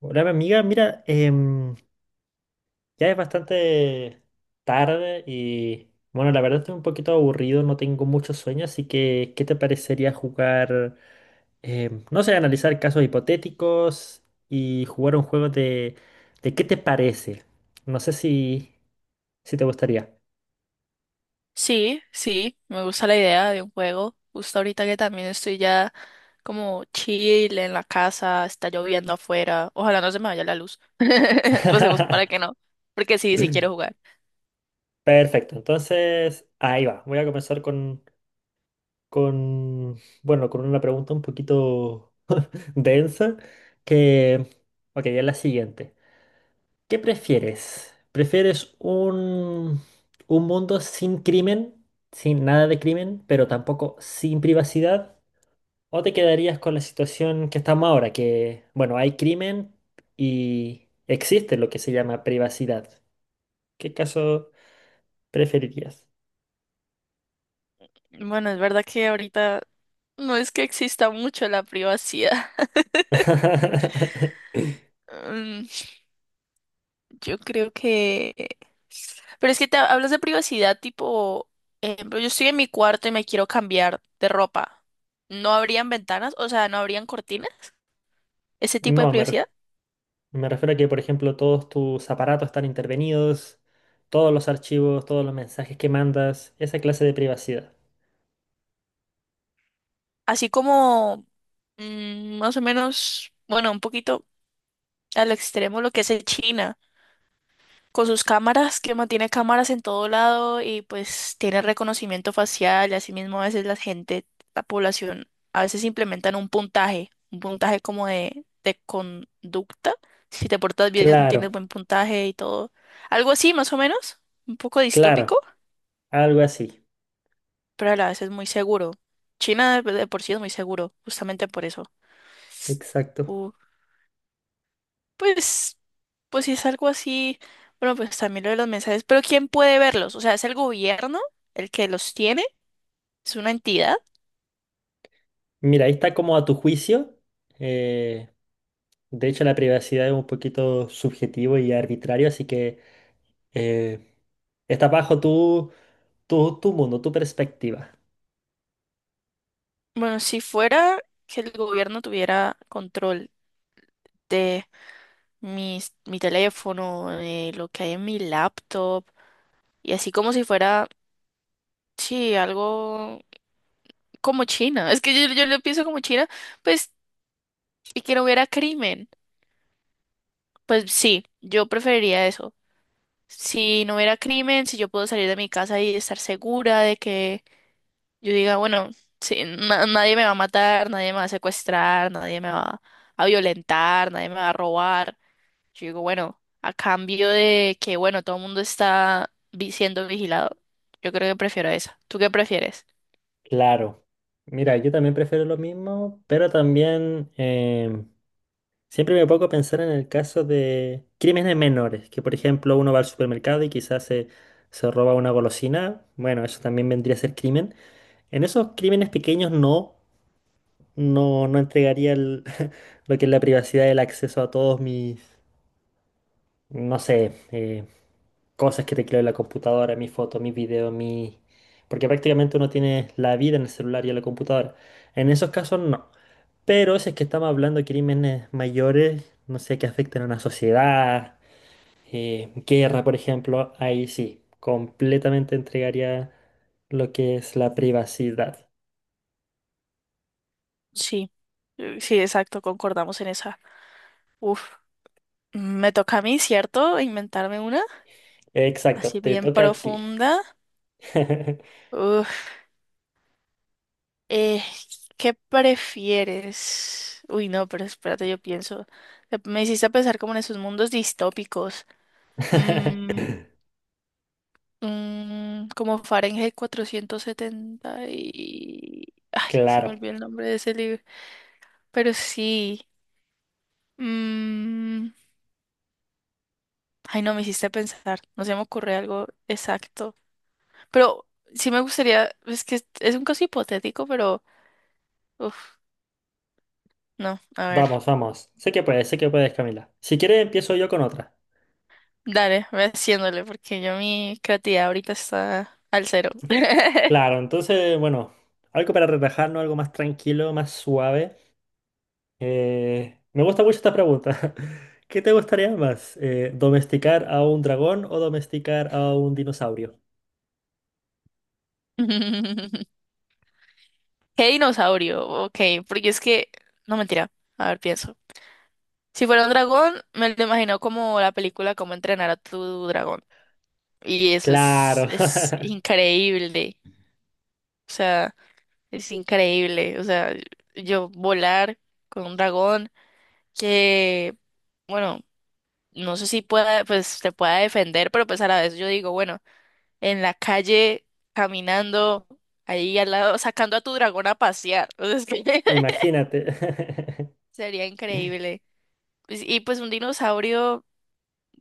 Hola, mi amiga, mira, ya es bastante tarde y bueno, la verdad estoy un poquito aburrido, no tengo mucho sueño, así que ¿qué te parecería jugar, no sé, analizar casos hipotéticos y jugar un juego de, qué te parece? No sé si te gustaría. Sí, sí, me gusta la idea de un juego. Justo ahorita que también estoy ya como chill en la casa, está lloviendo afuera. Ojalá no se me vaya la luz. Recemos para que no, porque sí, sí quiero jugar. Perfecto, entonces ahí va, voy a comenzar con bueno, con una pregunta un poquito densa que, ok, es la siguiente. ¿Qué prefieres? ¿Prefieres un mundo sin crimen, sin nada de crimen, pero tampoco sin privacidad? ¿O te quedarías con la situación que estamos ahora, que, bueno, hay crimen y existe lo que se llama privacidad? ¿Qué caso preferirías? Bueno, es verdad que ahorita no es que exista mucho la privacidad. Mm, yo creo que... Pero es que te hablas de privacidad tipo, ejemplo, yo estoy en mi cuarto y me quiero cambiar de ropa. ¿No habrían ventanas? O sea, ¿no habrían cortinas? ¿Ese tipo de No, privacidad? me refiero a que, por ejemplo, todos tus aparatos están intervenidos, todos los archivos, todos los mensajes que mandas, esa clase de privacidad. Así como más o menos, bueno, un poquito al extremo lo que es el China, con sus cámaras, que mantiene cámaras en todo lado y pues tiene reconocimiento facial y asimismo a veces la gente, la población, a veces implementan un puntaje como de conducta, si te portas bien Claro, tienes buen puntaje y todo, algo así más o menos, un poco distópico, claro. Algo así, pero a la vez es muy seguro. China de por sí es muy seguro, justamente por eso. exacto. Uh, Pues, pues si es algo así, bueno, pues también lo de los mensajes, pero ¿quién puede verlos? O sea, ¿es el gobierno el que los tiene? ¿Es una entidad? Mira, ahí está como a tu juicio. eh, de hecho, la privacidad es un poquito subjetivo y arbitrario, así que eh, está bajo tu tu mundo, tu perspectiva. Bueno, si fuera que el gobierno tuviera control de mi teléfono, de lo que hay en mi laptop, y así como si fuera, sí, algo como China, es que yo lo pienso como China, pues, y que no hubiera crimen, pues sí, yo preferiría eso. Si no hubiera crimen, si yo puedo salir de mi casa y estar segura de que yo diga, bueno, sí, nadie me va a matar, nadie me va a secuestrar, nadie me va a violentar, nadie me va a robar. Yo digo, bueno, a cambio de que, bueno, todo el mundo siendo vigilado, yo creo que prefiero esa. ¿Tú qué prefieres? Claro. Mira, yo también prefiero lo mismo, pero también siempre me pongo a pensar en el caso de crímenes menores, que por ejemplo uno va al supermercado y quizás se roba una golosina. Bueno, eso también vendría a ser crimen. En esos crímenes pequeños no. No, no entregaría lo que es la privacidad, el acceso a todos mis, no sé, cosas que tecleo en la computadora, mis fotos, mis videos, mi... Porque prácticamente uno tiene la vida en el celular y en la computadora. En esos casos no. Pero si es que estamos hablando de crímenes mayores, no sé, que afecten a una sociedad, guerra, por ejemplo, ahí sí, completamente entregaría lo que es la privacidad. Sí, sí, exacto, concordamos en esa. Uf, me toca a mí, ¿cierto? Inventarme una Exacto, así te bien toca a ti. profunda. Eh, ¿Qué prefieres? Uy, no, pero espérate, yo pienso. Me hiciste pensar como en esos mundos distópicos. Mm, como Fahrenheit cuatrocientos setenta y... Ay, se Claro, me olvidó el nombre de ese libro. Pero sí. mm, ay, no, me hiciste pensar. No se me ocurre algo exacto. Pero sí me gustaría... Es que es un caso hipotético, pero... Uf, no, a ver. vamos, vamos. Sé que puedes, Camila. Si quieres, empiezo yo con otra. Dale, ve haciéndole, porque yo mi creatividad ahorita está al 0. Claro, entonces, bueno, algo para relajarnos, algo más tranquilo, más suave. Me gusta mucho esta pregunta. ¿Qué te gustaría más? ¿Domesticar a un dragón o domesticar a un dinosaurio? ¿Qué dinosaurio? Ok, porque es que... No, mentira. A ver, pienso. Si fuera un dragón, me lo imagino como la película Cómo Entrenar a Tu Dragón. Y Claro, es increíble. O sea, es increíble. O sea, yo volar con un dragón que, bueno, no sé si pueda, pues te pueda defender, pero pues a la vez yo digo, bueno, en la calle, caminando, ahí al lado, sacando a tu dragón a pasear. O es que imagínate. sería increíble. Pues, y pues un dinosaurio,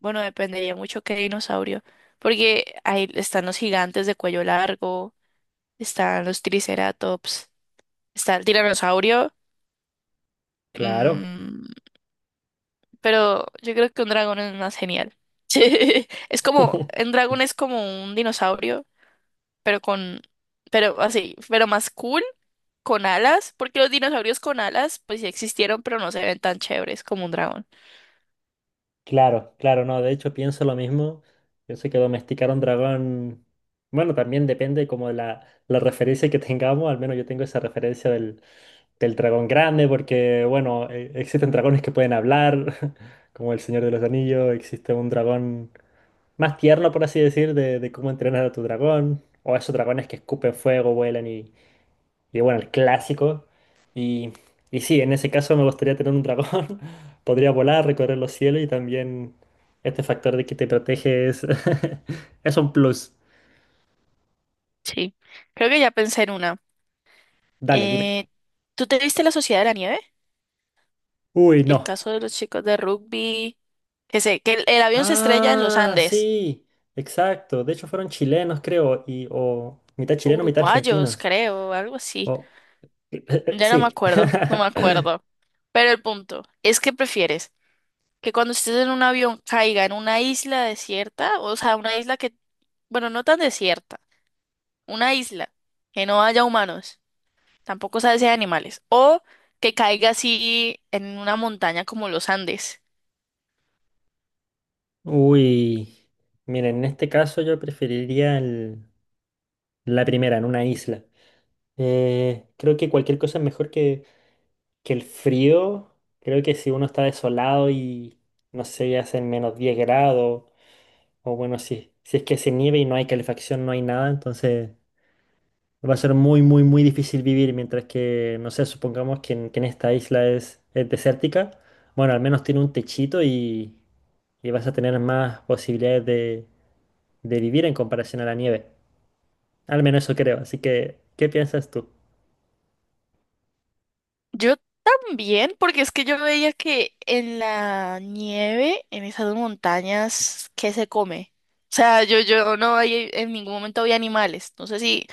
bueno, dependería mucho qué dinosaurio, porque ahí están los gigantes de cuello largo, están los triceratops, está el tiranosaurio, Claro. mm, pero yo creo que un dragón es más genial. Es como, un dragón es como un dinosaurio, pero con, pero así, pero más cool con alas, porque los dinosaurios con alas, pues sí existieron, pero no se ven tan chéveres como un dragón. Claro, claro, no, de hecho pienso lo mismo. Yo sé que domesticar a un dragón, bueno, también depende como de la referencia que tengamos, al menos yo tengo esa referencia del dragón grande, porque bueno, existen dragones que pueden hablar, como el Señor de los Anillos, existe un dragón más tierno, por así decir, de cómo entrenar a tu dragón, o esos dragones que escupen fuego, vuelan y bueno, el clásico. Y, y sí, en ese caso me gustaría tener un dragón. Podría volar, recorrer los cielos y también este factor de que te protege es, es un plus. Sí, creo que ya pensé en una. Dale, dime. Eh, ¿Tú te viste La Sociedad de la Nieve? Uy, El no. caso de los chicos de rugby, que sé, que el avión se estrella en los Ah, Andes, sí, exacto. De hecho fueron chilenos, creo, y, o mitad o chileno, mitad uruguayos, argentinos. creo, algo así. O, Ya no me sí. acuerdo, no me acuerdo. Pero el punto es que prefieres que cuando estés en un avión caiga en una isla desierta, o sea, una isla que, bueno, no tan desierta, una isla que no haya humanos. Tampoco sabe si hay animales. O que caiga así en una montaña como los Andes. Uy, miren, en este caso yo preferiría la primera, en una isla. Creo que cualquier cosa es mejor que el frío. Creo que si uno está desolado y no sé, hacen -10 grados, o bueno, si es que se nieve y no hay calefacción, no hay nada, entonces va a ser muy, muy, muy difícil vivir. Mientras que, no sé, supongamos que que en esta isla es desértica, bueno, al menos tiene un techito y vas a tener más posibilidades de vivir en comparación a la nieve. Al menos eso creo. Así que, ¿qué piensas tú? Yo también, porque es que yo veía que en la nieve, en esas montañas, ¿qué se come? O sea, yo no hay, en ningún momento vi animales. No sé si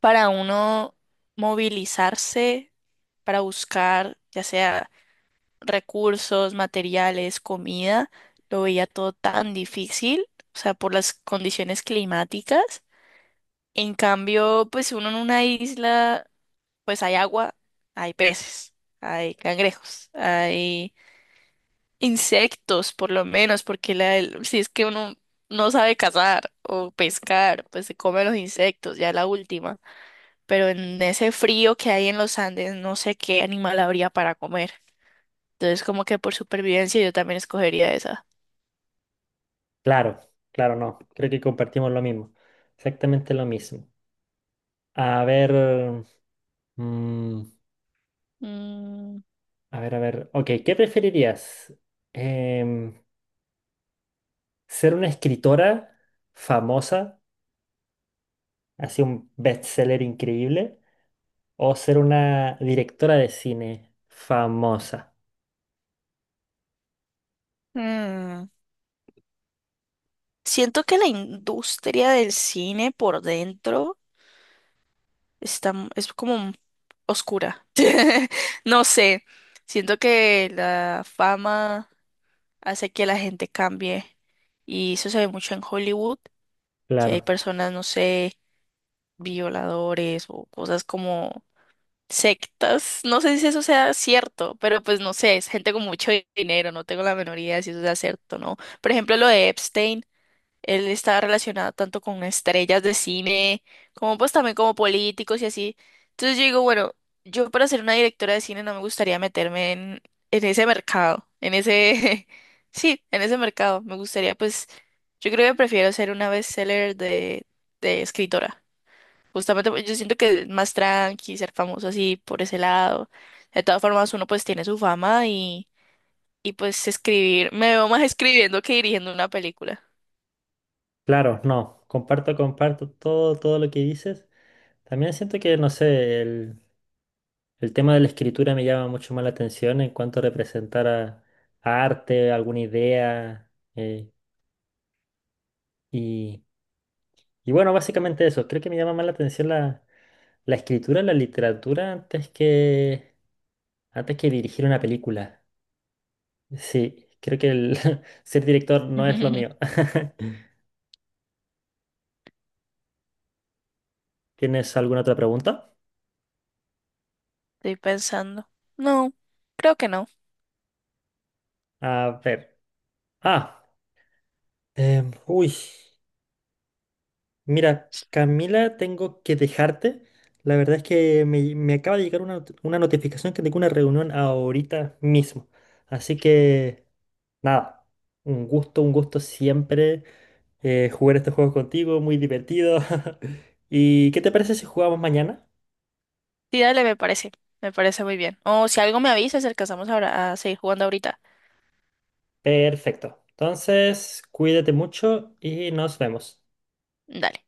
para uno movilizarse, para buscar, ya sea recursos, materiales, comida, lo veía todo tan difícil, o sea, por las condiciones climáticas. En cambio, pues uno en una isla, pues hay agua, hay peces, hay cangrejos, hay insectos, por lo menos, porque si es que uno no sabe cazar o pescar, pues se come los insectos, ya la última. Pero en ese frío que hay en los Andes, no sé qué animal habría para comer. Entonces, como que por supervivencia yo también escogería esa. Claro, claro, no. Creo que compartimos lo mismo. Exactamente lo mismo. A ver, mm, Mm, a ver, a ver. Ok, ¿qué preferirías? Em, ¿Ser una escritora famosa, así un bestseller increíble, o ser una directora de cine famosa? mm. Siento que la industria del cine por dentro está, es como oscura. No sé. Siento que la fama hace que la gente cambie. Y eso se ve mucho en Hollywood, que hay Claro, personas, no sé, violadores o cosas como sectas. No sé si eso sea cierto, pero pues no sé, es gente con mucho dinero, no tengo la menor idea de si eso sea cierto o no. Por ejemplo, lo de Epstein. Él está relacionado tanto con estrellas de cine, como pues también como políticos y así. Entonces yo digo, bueno, yo para ser una directora de cine no me gustaría meterme en ese mercado, en ese, sí, en ese mercado. Me gustaría pues, yo creo que prefiero ser una bestseller de escritora. Justamente porque yo siento que es más tranqui, ser famoso así por ese lado. De todas formas, uno pues tiene su fama y pues escribir, me veo más escribiendo que dirigiendo una película. claro, no. Comparto, comparto todo, todo lo que dices. También siento que, no sé, el tema de la escritura me llama mucho más la atención en cuanto a representar a arte, alguna idea. eh, y, y bueno, básicamente eso. Creo que me llama más la atención la escritura, la literatura, antes que dirigir una película. Sí, creo que el ser director no es lo mío. ¿Tienes alguna otra pregunta? Estoy pensando. No, creo que no. A ver. Ah, uy. Mira, Camila, tengo que dejarte. La verdad es que me acaba de llegar una notificación que tengo una reunión ahorita mismo. Así que, nada, un gusto siempre jugar estos juegos contigo, muy divertido. ¿Y qué te parece si jugamos mañana? Sí, dale, me parece. Me parece muy bien. O si algo me avisas, alcanzamos ahora a seguir jugando ahorita. Perfecto. Entonces, cuídate mucho y nos vemos. Dale.